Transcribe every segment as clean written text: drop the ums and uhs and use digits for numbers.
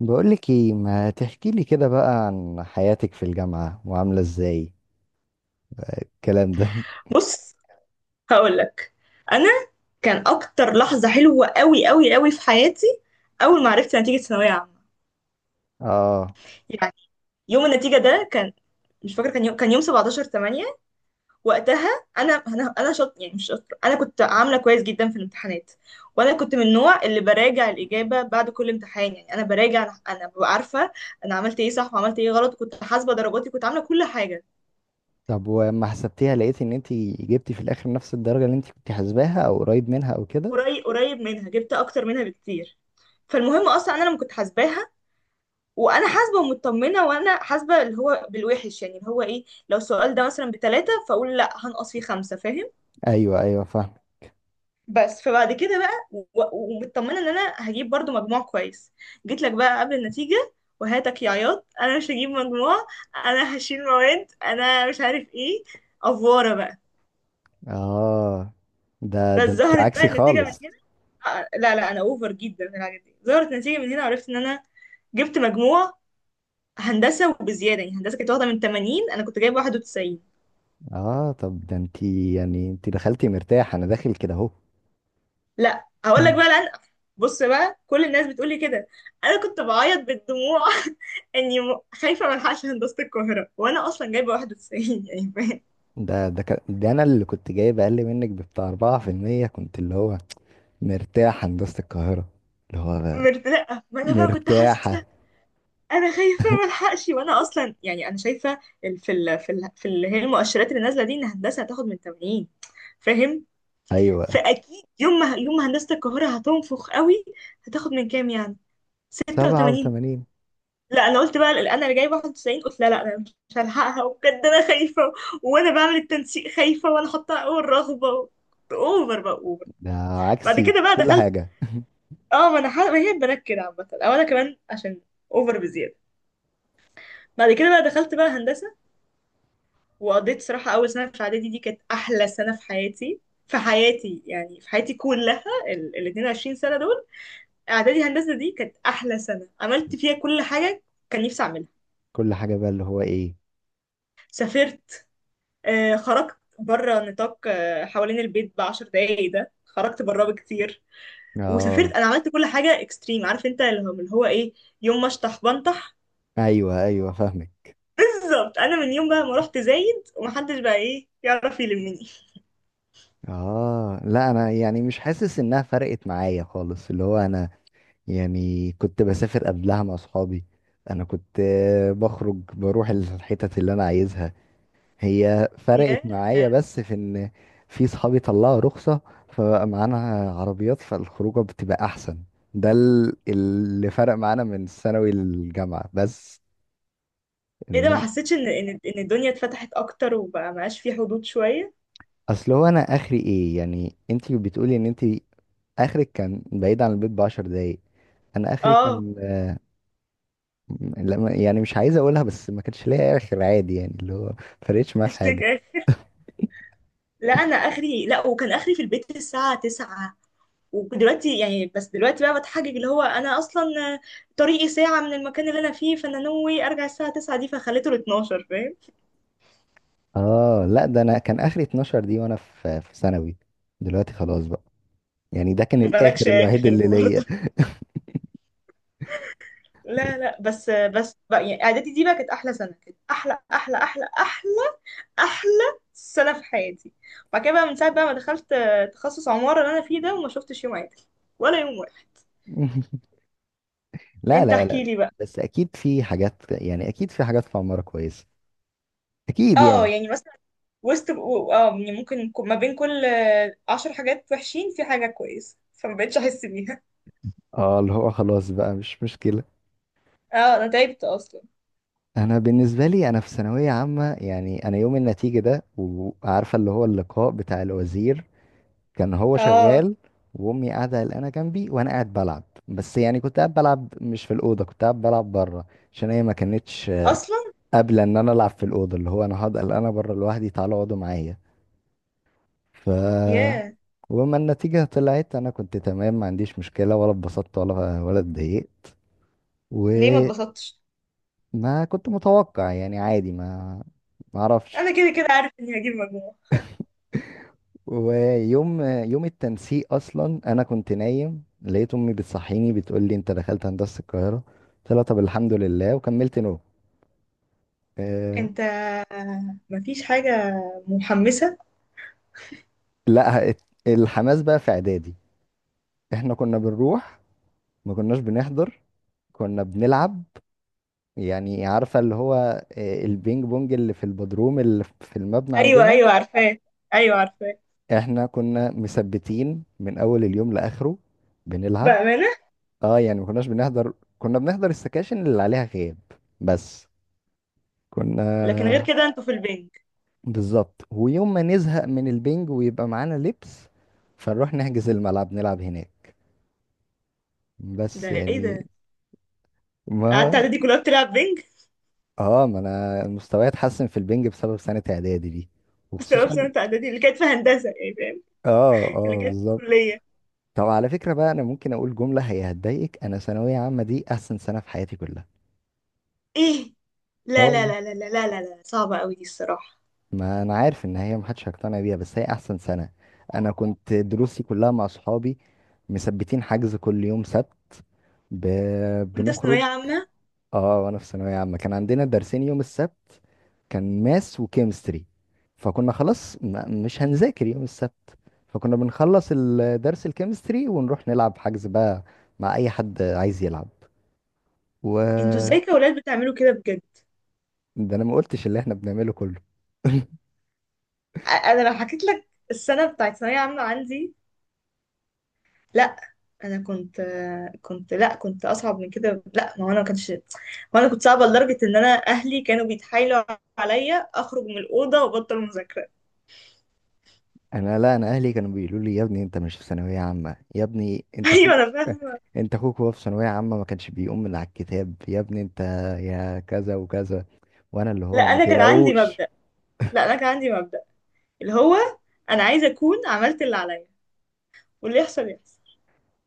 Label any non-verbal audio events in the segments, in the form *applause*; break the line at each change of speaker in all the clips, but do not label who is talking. بقولك ايه، ما تحكي لي كده بقى عن حياتك في الجامعة وعاملة ازاي الكلام ده؟ *laughs*
بص، هقولك. انا كان اكتر لحظه حلوه قوي قوي قوي في حياتي اول ما عرفت نتيجه ثانويه عامه.
اه،
يعني يوم النتيجه ده كان، مش فاكره، كان يوم 17 8. وقتها انا شاط، يعني مش شاطره، انا كنت عامله كويس جدا في الامتحانات. وانا كنت من النوع اللي براجع الاجابه بعد كل امتحان. يعني انا ببقى عارفه انا عملت ايه صح وعملت ايه غلط، كنت حاسبه درجاتي، كنت عامله كل حاجه.
طب وما حسبتيها لقيت ان انتي جبتي في الاخر نفس الدرجة اللي انتي كنت حاسباها او قريب منها او كده؟
قريب منها، جبت اكتر منها بكتير. فالمهم اصلا انا لما كنت حاسباها وانا حاسبه ومطمنه، وانا حاسبه اللي هو بالوحش، يعني اللي هو ايه، لو السؤال ده مثلا بتلاته فاقول لا هنقص فيه خمسه، فاهم؟
ايوه ايوه فاهم.
بس فبعد كده بقى ومطمنه ان انا هجيب برضو مجموع كويس. جيت لك بقى قبل النتيجه وهاتك يا عياط، انا مش هجيب مجموع، انا هشيل مواد، انا مش عارف ايه، افواره بقى.
اه، ده
بس
انتي
ظهرت بقى
عكسي
النتيجه من
خالص.
هنا. لا لا، انا اوفر جدا في الحاجات دي. ظهرت نتيجه من هنا، عرفت ان انا جبت مجموع هندسه وبزياده. يعني هندسه كانت واخده من 80، انا كنت جايبه 91.
اه، طب ده انتي يعني انتي دخلتي مرتاح، انا داخل كده اهو. *laughs*
لا هقول لك بقى
*clears throat*
لأن، بص بقى، كل الناس بتقول لي كده، انا كنت بعيط بالدموع *laughs* خايفه ما الحقش هندسه القاهره وانا اصلا جايبه 91، يعني فاهم.
ده كان- ده انا اللي كنت جايب اقل منك بتاع 4%، كنت اللي هو مرتاح هندسة القاهرة، اللي هو
مرتاحه؟ ما انا بقى كنت
مرتاحة.
حاسه انا خايفه ما الحقش، وانا اصلا يعني انا شايفه ال- في ال في ال في اللي هي المؤشرات اللي نازله دي، ان هندسه هتاخد من 80، فاهم.
ايوه،
فاكيد يوم ما هندسه القاهره هتنفخ قوي، هتاخد من كام يعني، 86.
87.
لا انا قلت بقى انا اللي جايبه 91، قلت لا لا، انا مش هلحقها، وبجد انا خايفه. وانا بعمل التنسيق خايفه، وانا حاطه اول رغبه كنت اوفر بقى، اوفر.
ده
بعد
عكسي
كده بقى دخلت. اه، ما انا ما هي البنات كده عامه، او انا كمان عشان اوفر بزياده. بعد كده بقى دخلت بقى هندسه، وقضيت صراحه اول سنه في اعدادي دي كانت احلى سنه في حياتي. في حياتي يعني، في حياتي كلها ال ال 22 سنه دول، اعدادي هندسه دي كانت احلى سنه، عملت فيها كل حاجه كان نفسي اعملها.
كل حاجة. بقى اللي هو ايه؟
سافرت، خرجت بره نطاق، حوالين البيت بعشر دقايق ده، خرجت براه بكتير. وسافرت،
اه.
انا عملت كل حاجه اكستريم، عارف انت، اللي هو اللي هو ايه، يوم ما اشطح بنطح.
ايوه ايوه فاهمك.
بالظبط، انا من يوم بقى ما رحت زايد ومحدش بقى ايه يعرف يلمني.
اه، لا انا يعني مش حاسس انها فرقت معايا خالص، اللي هو انا يعني كنت بسافر قبلها مع اصحابي. انا كنت بخرج، بروح الحتت اللي انا عايزها. هي
*laughs*
فرقت
يا.
معايا بس في ان في صحابي طلعوا رخصة فبقى معانا عربيات، فالخروجة بتبقى احسن. ده اللي فرق معانا من ثانوي للجامعة بس،
ايه ده، ما
انما
حسيتش ان الدنيا اتفتحت اكتر وبقى معاش في حدود شويه؟
اصل هو انا اخري ايه؟ يعني انت بتقولي ان انت اخرك كان بعيد عن البيت بعشر دقايق، انا اخري
اه.
كان لما، يعني مش عايز اقولها، بس ما كانش ليا اخر عادي، يعني اللي هو فرقتش
*laughs*
معاه في
هاشتاج
حاجه.
آخر. لا انا اخري، لا، وكان اخري في البيت الساعه 9. ودلوقتي يعني، بس دلوقتي بقى بتحجج اللي هو انا اصلا طريقي ساعة من المكان اللي انا فيه، فانا نوي ارجع الساعة 9 دي فخليته ل 12، فاهم.
اه، لا ده انا كان اخري 12، دي وانا في ثانوي، دلوقتي خلاص بقى. يعني ده كان
*laughs*
الاخر
مالكش
الوحيد
اخر
اللي ليا.
برضه. *laughs* لا لا، بس بقى، يعني اعدادي دي بقى كانت احلى سنة، كانت احلى احلى سنة في حياتي. بعد كده بقى، من ساعة بقى ما دخلت تخصص عمارة اللي انا فيه ده، وما شفتش يوم عادل ولا يوم واحد.
*laughs* لا
انت
لا لا.
احكي لي بقى.
بس اكيد في حاجات، يعني اكيد في حاجات في عمارة كويسه، اكيد
اه
يعني.
يعني مثلا وسط، اه يعني ممكن ما بين كل عشر حاجات وحشين في حاجة كويسة، فما بقتش احس بيها.
اه، اللي هو خلاص بقى، مش مشكله.
*laughs* اه انا تعبت اصلا.
انا بالنسبه لي، انا في ثانويه عامه، يعني انا يوم النتيجه ده وعارفه اللي هو اللقاء بتاع الوزير كان هو
اه
شغال، وامي قاعده قلقانه جنبي، وانا قاعد بلعب. بس يعني كنت قاعد بلعب مش في الاوضه، كنت قاعد بلعب بره، عشان هي ما كانتش
اصلا.
قابله ان انا العب في الاوضه، اللي هو انا هقعد قلقانه بره لوحدي، تعالوا اقعدوا معايا. ف،
ياه.
وما النتيجه طلعت انا كنت تمام، ما عنديش مشكله، ولا اتبسطت ولا اتضايقت.
ليه ما
وما،
اتبسطتش؟
كنت متوقع يعني عادي، ما، ما اعرفش.
انا كده كده عارف اني هجيب مجموع.
يوم التنسيق اصلا انا كنت نايم، لقيت امي بتصحيني بتقول لي انت دخلت هندسه القاهره، قلت لها طب الحمد لله، وكملت نوم. أه.
انت مفيش حاجة محمسة؟
لا ات- الحماس بقى في اعدادي، احنا كنا بنروح، ما كناش بنحضر، كنا بنلعب. يعني عارفه اللي هو البينج بونج اللي في البدروم اللي في المبنى
ايوه
عندنا.
ايوه، عارفاه. ايوه عارفاه.
احنا كنا مثبتين من اول اليوم لاخره بنلعب.
بأمانة.
اه، يعني ما كناش بنحضر، كنا بنحضر السكاشن اللي عليها غياب بس. كنا
لكن غير كده انتوا في البنج.
بالظبط، ويوم ما نزهق من البنج ويبقى معانا لبس فنروح نحجز الملعب نلعب هناك.
ده
بس
ايه
يعني
ده،
ما
قعدت
هو،
اعدادي كلها بتلعب بنج؟
اه ما انا مستواي اتحسن في البنج بسبب سنة اعدادي دي.
*laughs* بسبب
وخصوصا،
سنة اعدادي اللي كانت في هندسة، يعني فاهم؟
اه
اللي
اه
كانت في
بالظبط.
الكلية.
طب على فكرة بقى، انا ممكن اقول جملة هي هتضايقك: انا ثانوية عامة دي احسن سنة في حياتي كلها.
ايه؟
اه
لا لا
والله،
لا لا لا لا لا لا، صعبة قوي دي الصراحة.
ما انا عارف ان هي محدش هيقتنع بيها، بس هي احسن سنة. انا كنت دروسي كلها مع صحابي، مثبتين حجز كل يوم سبت. ب...
وانت في
بنخرج.
ثانوية عامة؟
اه، وانا في ثانوية عامة كان عندنا درسين يوم السبت، كان ماس وكيمستري، فكنا خلاص مش هنذاكر يوم السبت، فكنا بنخلص الدرس الكيمستري ونروح نلعب حجز بقى مع اي حد عايز يلعب.
انتوا ازاي
و،
كأولاد بتعملوا كده بجد؟
ده انا ما قلتش اللي احنا بنعمله كله.
انا لو حكيت لك السنة بتاعت ثانوية عامة عندي. لا انا كنت اصعب من كده. لا، ما هو انا ما كانش، ما انا كنت صعبة لدرجة ان انا اهلي كانوا بيتحايلوا عليا اخرج من الأوضة وابطل مذاكرة. *laughs*
انا، لا، انا اهلي كانوا بيقولوا لي يا ابني انت مش في ثانوية عامة، يا ابني انت اخوك،
ايوه انا فاهمة.
وهو في ثانوية عامة ما كانش بيقوم من على الكتاب، يا ابني انت يا كذا وكذا، وانا اللي
لا
هو ما
انا كان عندي
تقلقوش.
مبدأ لا انا كان عندي مبدأ اللي هو، انا عايزة اكون عملت اللي عليا واللي يحصل يحصل.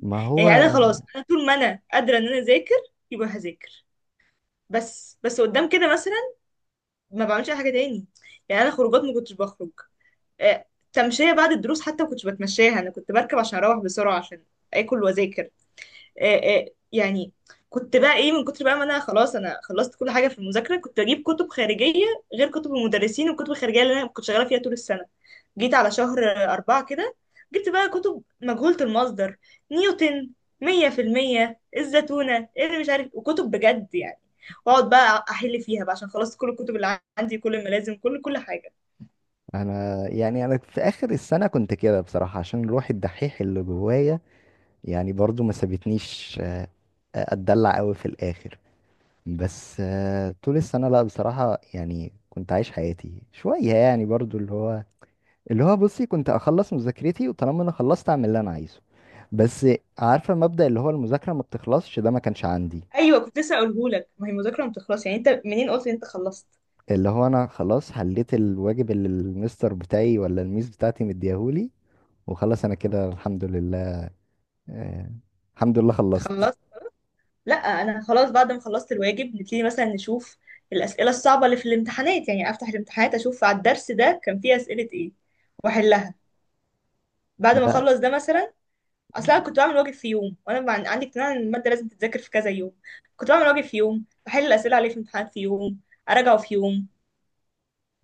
ما هو
يعني انا خلاص، انا طول ما انا قادرة ان انا اذاكر يبقى هذاكر. بس بس قدام كده مثلا ما بعملش اي حاجه تاني. يعني انا خروجات ما كنتش بخرج. آه، تمشيه بعد الدروس حتى ما كنتش بتمشاها، انا كنت بركب عشان اروح بسرعه عشان اكل واذاكر. آه، آه، يعني كنت بقى ايه، من كتر بقى ما انا خلاص انا خلصت كل حاجه في المذاكره، كنت اجيب كتب خارجيه غير كتب المدرسين والكتب الخارجيه اللي انا كنت شغاله فيها طول السنه. جيت على شهر أربعة كده، جبت بقى كتب مجهولة المصدر، نيوتن، مية في المية الزتونة، اللي مش عارف، وكتب بجد يعني. واقعد بقى احل فيها بقى عشان خلصت كل الكتب اللي عندي، كل الملازم، كل حاجه.
انا يعني انا في اخر السنه كنت كده بصراحه، عشان روح الدحيح اللي جوايا يعني برضو ما سابتنيش، اتدلع قوي في الاخر. بس طول السنه لا بصراحه، يعني كنت عايش حياتي شويه، يعني برضو اللي هو بصي، كنت اخلص مذاكرتي وطالما انا خلصت اعمل اللي انا عايزه. بس عارفه مبدأ اللي هو المذاكره ما بتخلصش، ده ما كانش عندي.
ايوه كنت لسه اقولهولك، ما هي المذاكره ما بتخلص، يعني انت منين قلت ان انت خلصت؟
اللي هو انا خلاص حليت الواجب اللي المستر بتاعي ولا الميس بتاعتي مديهولي، وخلاص انا كده الحمد لله. آه، الحمد لله خلصت.
خلصت. لا انا خلاص بعد ما خلصت الواجب نبتدي مثلا نشوف الاسئله الصعبه اللي في الامتحانات. يعني افتح الامتحانات اشوف على الدرس ده كان فيه اسئله ايه واحلها. بعد ما
لا
اخلص ده مثلا. اصل انا كنت بعمل واجب في يوم، وانا عندي اقتناع ان الماده لازم تتذاكر في كذا يوم. كنت بعمل واجب في يوم، بحل الاسئله عليه في امتحانات في يوم، اراجعه في يوم.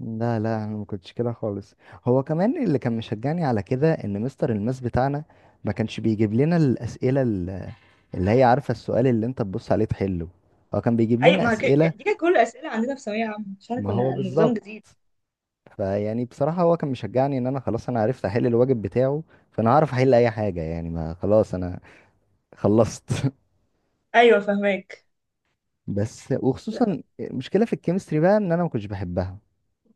لا لا، انا ما كنتش كده خالص. هو كمان اللي كان مشجعني على كده ان مستر الماس بتاعنا ما كانش بيجيب لنا الاسئله اللي هي، عارفه، السؤال اللي انت تبص عليه تحله، هو كان بيجيب
اي
لنا
ما هك...
اسئله.
دي كانت كل الاسئله عندنا في ثانويه عامه عشان
ما
كنا
هو
نظام
بالظبط.
جديد.
فيعني بصراحه هو كان مشجعني، ان انا خلاص انا عرفت احل الواجب بتاعه فانا هعرف احل اي حاجه، يعني ما خلاص انا خلصت. *laughs*
ايوه فهماك.
بس، وخصوصا مشكله في الكيمستري بقى ان انا ما كنتش بحبها.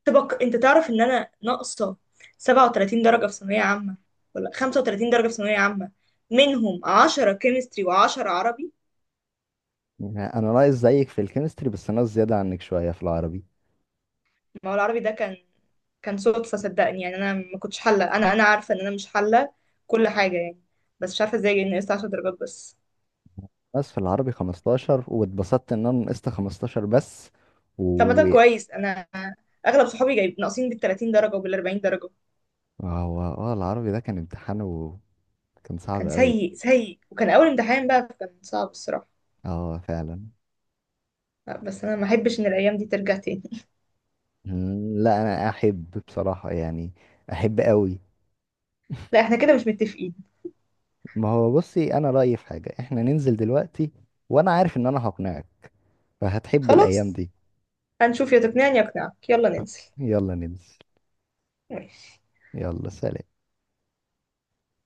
طبق، انت تعرف ان انا ناقصه 37 درجه في ثانويه عامه، ولا 35 درجه في ثانويه عامه، منهم 10 كيمستري و10 عربي.
يعني انا ناقص زيك في الكيمستري، بس ناقص زياده عنك شويه في العربي.
ما هو العربي ده كان، كان صدفه صدقني. يعني انا ما كنتش حله، انا عارفه ان انا مش حله كل حاجه يعني. بس مش عارفه ازاي نقصت 10 درجات بس.
بس في العربي 15، واتبسطت ان انا نقصت 15 بس.
طب ما
و،
ده كويس، انا اغلب صحابي جايب ناقصين بال 30 درجه وبال 40 درجه.
هو اه العربي ده كان امتحان، وكان صعب
كان
قوي.
سيء وكان اول امتحان بقى، كان صعب الصراحه.
اه فعلا.
لا، بس انا ما احبش ان الايام دي ترجع تاني.
مم، لا انا احب بصراحه، يعني احب قوي.
لا احنا كده مش متفقين.
ما هو بصي انا رايي في حاجه، احنا ننزل دلوقتي وانا عارف ان انا هقنعك، فهتحب الايام
خلاص،
دي.
هنشوف، يا تقنعني يا اقنعك، يلا ننزل.
يلا ننزل.
ماشي.
يلا سلام.